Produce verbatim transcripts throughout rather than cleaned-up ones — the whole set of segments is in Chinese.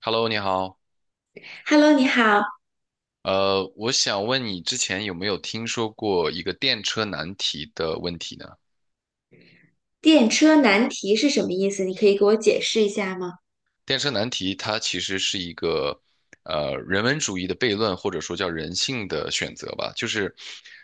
Hello，你好。Hello，你好。呃，我想问你之前有没有听说过一个电车难题的问题呢？电车难题是什么意思？你可以给我解释一下吗？电车难题它其实是一个呃人文主义的悖论，或者说叫人性的选择吧。就是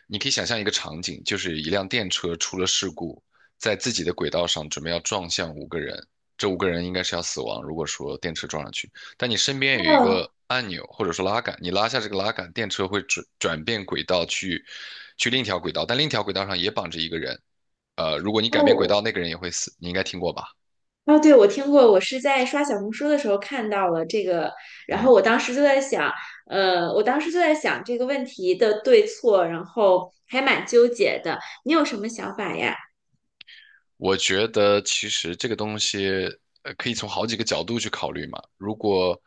你可以想象一个场景，就是一辆电车出了事故，在自己的轨道上准备要撞向五个人，这五个人应该是要死亡。如果说电车撞上去，但你身边有一哦，个按钮或者说拉杆，你拉下这个拉杆，电车会转转变轨道去去另一条轨道，但另一条轨道上也绑着一个人。呃，如果你改变轨哦，道，那个人也会死。你应该听过吧？哦，对，我听过，我是在刷小红书的时候看到了这个，然后我当时就在想，呃，我当时就在想这个问题的对错，然后还蛮纠结的。你有什么想法呀？我觉得其实这个东西，呃，可以从好几个角度去考虑嘛。如果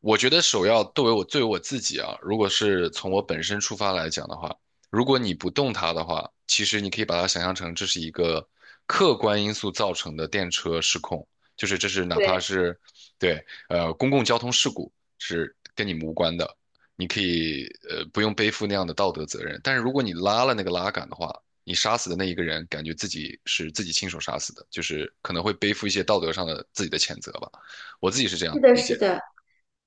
我觉得首要作为我作为我自己啊，如果是从我本身出发来讲的话，如果你不动它的话，其实你可以把它想象成这是一个客观因素造成的电车失控，就是这是哪怕对，是对呃公共交通事故是跟你们无关的，你可以呃不用背负那样的道德责任。但是如果你拉了那个拉杆的话，你杀死的那一个人，感觉自己是自己亲手杀死的，就是可能会背负一些道德上的自己的谴责吧。我自己是这样是的，理是解。的。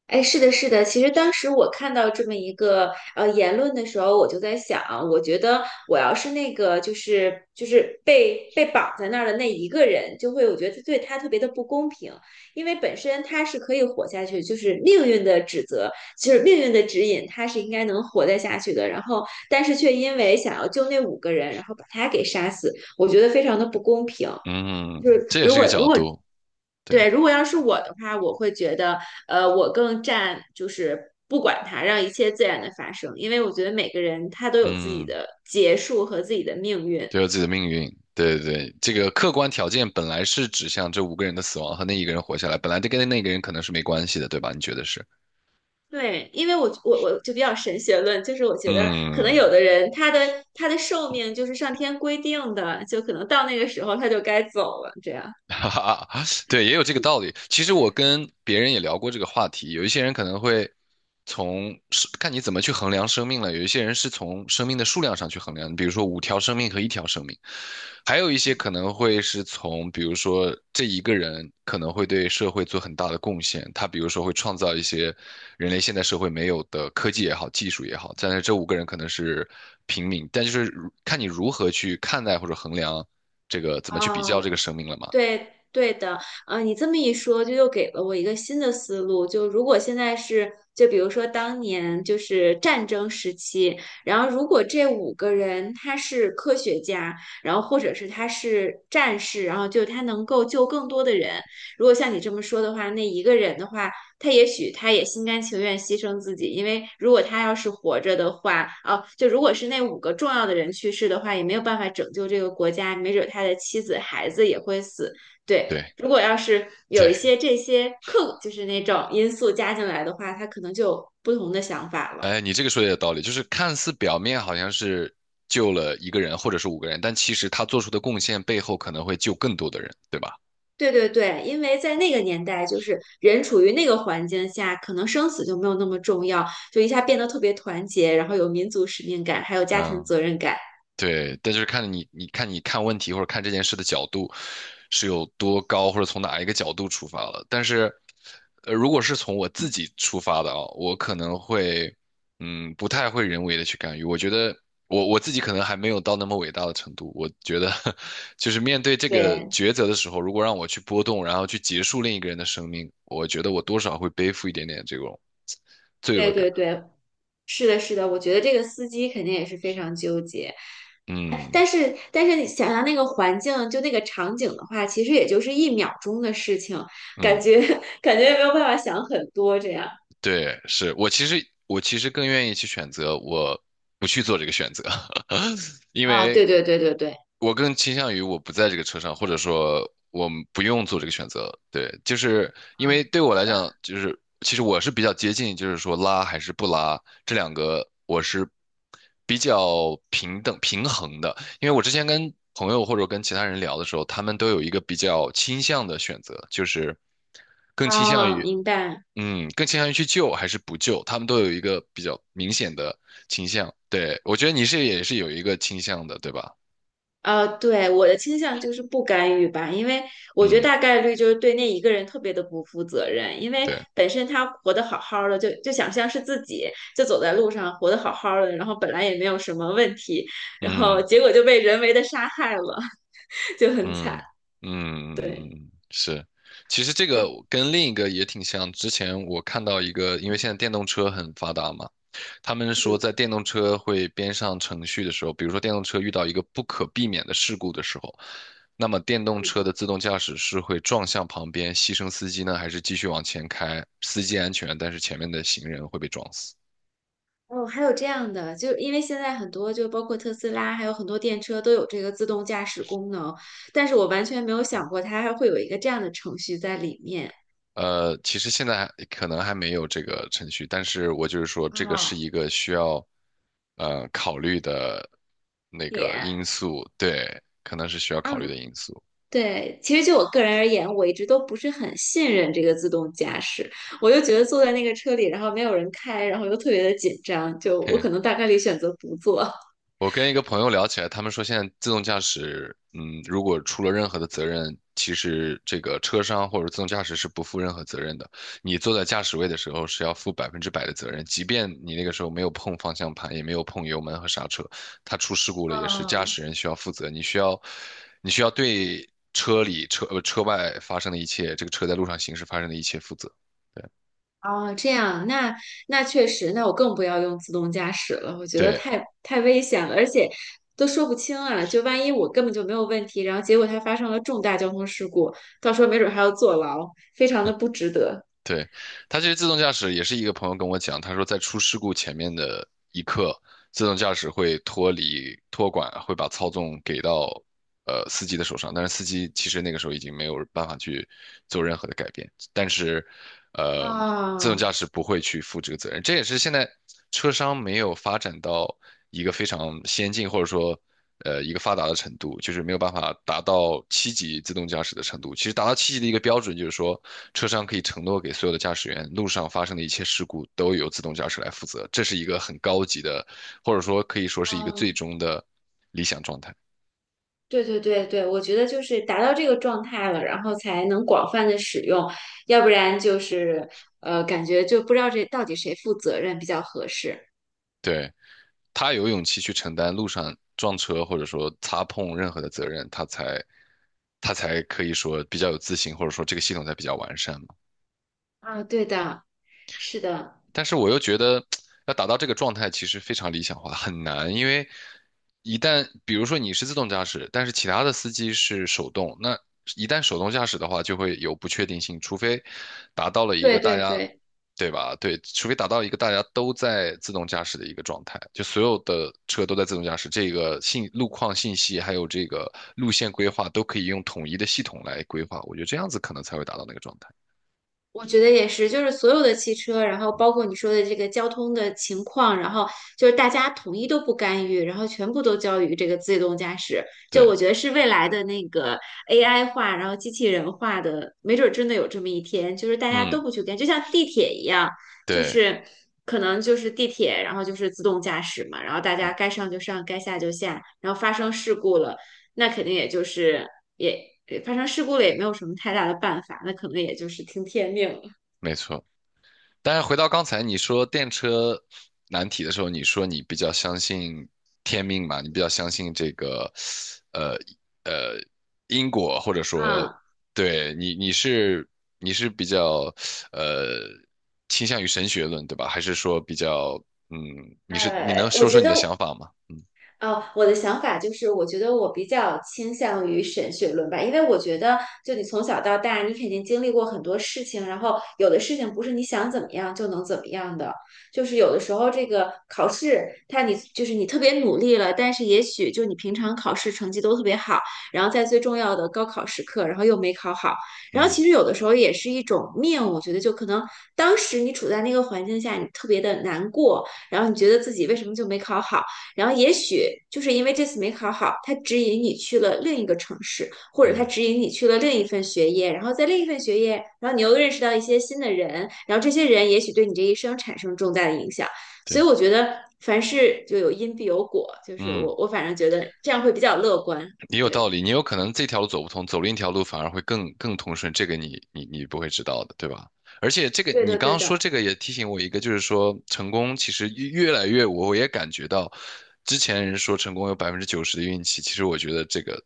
哎，是的，是的。其实当时我看到这么一个呃言论的时候，我就在想，我觉得我要是那个就是就是被被绑在那儿的那一个人，就会我觉得对他特别的不公平，因为本身他是可以活下去，就是命运的指责，就是命运的指引，他是应该能活得下去的。然后，但是却因为想要救那五个人，然后把他给杀死，我觉得非常的不公平。嗯，就是。这也是个角度，对，对，如果要是我的话，我会觉得，呃，我更占就是不管它，让一切自然的发生，因为我觉得每个人他都有自己嗯，的结束和自己的命运。都有自己的命运，对对对，这个客观条件本来是指向这五个人的死亡和那一个人活下来，本来就跟那个人可能是没关系的，对吧？你觉得是？对，因为我我我就比较神学论，就是我觉得可能有嗯，的人他的他的寿命就是上天规定的，就可能到那个时候他就该走了，这样。哈哈，哈，对，也有这个道理。其实我跟别人也聊过这个话题，有一些人可能会从是看你怎么去衡量生命了，有一些人是从生命的数量上去衡量，比如说五条生命和一条生命，还有一些可能会是从比如说这一个人可能会对社会做很大的贡献，他比如说会创造一些人类现代社会没有的科技也好，技术也好，但是这五个人可能是平民，但就是如看你如何去看待或者衡量这个怎么去比较这哦。个生命了嘛。对对的，呃，你这么一说，就又给了我一个新的思路。就如果现在是，就比如说当年就是战争时期，然后如果这五个人他是科学家，然后或者是他是战士，然后就他能够救更多的人，如果像你这么说的话，那一个人的话，他也许他也心甘情愿牺牲自己，因为如果他要是活着的话，哦，就如果是那五个重要的人去世的话，也没有办法拯救这个国家，没准他的妻子、孩子也会死。对，对如果要是有对，一些这些客，就是那种因素加进来的话，他可能就有不同的想法了。哎，你这个说的有道理，就是看似表面好像是救了一个人或者是五个人，但其实他做出的贡献背后可能会救更多的人，对吧？对对对，因为在那个年代，就是人处于那个环境下，可能生死就没有那么重要，就一下变得特别团结，然后有民族使命感，还有家庭嗯，责任感。对，但就是看你，你看你看问题或者看这件事的角度是有多高，或者从哪一个角度出发了。但是，呃，如果是从我自己出发的啊，我可能会，嗯，不太会人为的去干预。我觉得我我自己可能还没有到那么伟大的程度。我觉得，就是面对这个对抉择的时候，如果让我去波动，然后去结束另一个人的生命，我觉得我多少会背负一点点这种罪对恶感。对对，是的，是的，我觉得这个司机肯定也是非常纠结。哎嗯但是但是你想想那个环境，就那个场景的话，其实也就是一秒钟的事情，感嗯。觉 感觉也没有办法想很多这样。对，是我其实我其实更愿意去选择我不去做这个选择，因啊，对为对对对对，我更倾向于我不在这个车上，或者说我们不用做这个选择。对，就是因为嗯，对我是来的。讲，就是其实我是比较接近，就是说拉还是不拉这两个，我是比较平等平衡的。因为我之前跟朋友或者跟其他人聊的时候，他们都有一个比较倾向的选择，就是更倾向啊，于。明白。嗯，更倾向于去救还是不救，他们都有一个比较明显的倾向。对，我觉得你是也是有一个倾向的，对吧？呃，对，我的倾向就是不干预吧，因为我觉得嗯，大概率就是对那一个人特别的不负责任，因为对，本身他活得好好的，就就想象是自己就走在路上活得好好的，然后本来也没有什么问题，然后嗯结果就被人为的杀害了，就很嗯惨。对，嗯，是。其实这个跟另一个也挺像，之前我看到一个，因为现在电动车很发达嘛。他们说，嗯。在电动车会编上程序的时候，比如说电动车遇到一个不可避免的事故的时候，那么电动车的自动驾驶是会撞向旁边，牺牲司机呢，还是继续往前开？司机安全，但是前面的行人会被撞死。哦，还有这样的，就因为现在很多，就包括特斯拉，还有很多电车都有这个自动驾驶功能，但是我完全没有想过它还会有一个这样的程序在里面。呃，其实现在还可能还没有这个程序，但是我就是说，这个是啊。一个需要呃考虑的那个点。因素，对，可能是需要考虑嗯，的因素。对，其实就我个人而言，我一直都不是很信任这个自动驾驶，我就觉得坐在那个车里，然后没有人开，然后又特别的紧张，就我可 能大概率选择不坐。我跟一个朋友聊起来，他们说现在自动驾驶，嗯，如果出了任何的责任，其实这个车商或者自动驾驶是不负任何责任的。你坐在驾驶位的时候是要负百分之百的责任，即便你那个时候没有碰方向盘，也没有碰油门和刹车，它出事故了也是驾嗯，驶人需要负责。你需要，你需要对车里车呃车外发生的一切，这个车在路上行驶发生的一切负责。哦，这样，那那确实，那我更不要用自动驾驶了，我觉得对，太太危险了，而且都说不清啊，就万一我根本就没有问题，然后结果它发生了重大交通事故，到时候没准还要坐牢，非常的不值得。对，它其实自动驾驶也是一个朋友跟我讲，他说在出事故前面的一刻，自动驾驶会脱离托管，会把操纵给到呃司机的手上，但是司机其实那个时候已经没有办法去做任何的改变，但是呃自动啊，驾驶不会去负这个责任，这也是现在车商没有发展到一个非常先进或者说呃一个发达的程度，就是没有办法达到七级自动驾驶的程度。其实达到七级的一个标准就是说，车商可以承诺给所有的驾驶员，路上发生的一切事故都由自动驾驶来负责。这是一个很高级的，或者说可以说是一个最哦，终的理想状态。对对对对，我觉得就是达到这个状态了，然后才能广泛的使用，要不然就是呃，感觉就不知道这到底谁负责任比较合适对，他有勇气去承担路上撞车或者说擦碰任何的责任，他才他才可以说比较有自信，或者说这个系统才比较完善嘛。啊。对的，是的，但是我又觉得要达到这个状态其实非常理想化，很难，因为一旦比如说你是自动驾驶，但是其他的司机是手动，那一旦手动驾驶的话，就会有不确定性，除非达到了一个对大对家，对。对吧？对，除非达到一个大家都在自动驾驶的一个状态，就所有的车都在自动驾驶，这个信路况信息还有这个路线规划都可以用统一的系统来规划，我觉得这样子可能才会达到那个状态。我觉得也是，就是所有的汽车，然后包括你说的这个交通的情况，然后就是大家统一都不干预，然后全部都交于这个自动驾驶，就对，我觉得是未来的那个 A I 化，然后机器人化的，没准儿真的有这么一天，就是大家都嗯，不去干，就像地铁一样，就对，是可能就是地铁，然后就是自动驾驶嘛，然后大家嗯，该上就上，该下就下，然后发生事故了，那肯定也就是。也也发生事故了，也没有什么太大的办法，那可能也就是听天命了。没错。但是回到刚才你说电车难题的时候，你说你比较相信天命嘛，你比较相信这个，呃呃因果，或者说，嗯，对你你是你是比较呃倾向于神学论对吧？还是说比较嗯，你是你能呃，我说说觉你得的想法吗？哦，我的想法就是，我觉得我比较倾向于神学论吧，因为我觉得，就你从小到大，你肯定经历过很多事情，然后有的事情不是你想怎么样就能怎么样的，就是有的时候这个考试，它你就是你特别努力了，但是也许就你平常考试成绩都特别好，然后在最重要的高考时刻，然后又没考好，然后嗯其实有的时候也是一种命，我觉得就可能当时你处在那个环境下，你特别的难过，然后你觉得自己为什么就没考好。然后也许就是因为这次没考好，他指引你去了另一个城市，或者他嗯，指引你去了另一份学业，然后在另一份学业，然后你又认识到一些新的人，然后这些人也许对你这一生产生重大的影响。所以对，我觉得凡事就有因必有果，就是嗯。我我反正觉得这样会比较乐观。也有道对，理，你有可能这条路走不通，走另一条路反而会更更通顺，这个你你你不会知道的，对吧？而且这个对你的，刚对刚说的，这个也提醒我一个，就是说成功其实越越来越，我我也感觉到，之前人说成功有百分之九十的运气，其实我觉得这个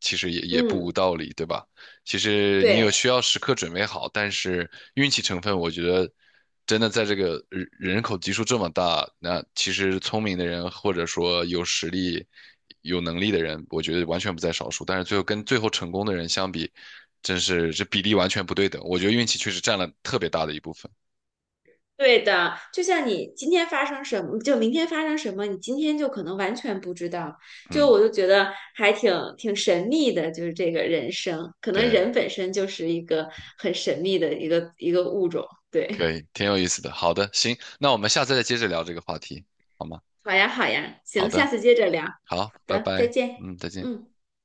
其实也也不无嗯，道理，对吧？其实你有对。需要时刻准备好，但是运气成分，我觉得真的在这个人人口基数这么大，那其实聪明的人或者说有实力、有能力的人，我觉得完全不在少数。但是最后跟最后成功的人相比，真是这比例完全不对等。我觉得运气确实占了特别大的一部分。对的，就像你今天发生什么，就明天发生什么，你今天就可能完全不知道。就嗯，我就觉得还挺挺神秘的，就是这个人生，可能对，人本身就是一个很神秘的一个一个物种。对，可以，挺有意思的。好的，行，那我们下次再接着聊这个话题，好吗？好呀，好呀，好行，下的，次接着聊。好，好拜的，再拜。见。嗯，再见。嗯。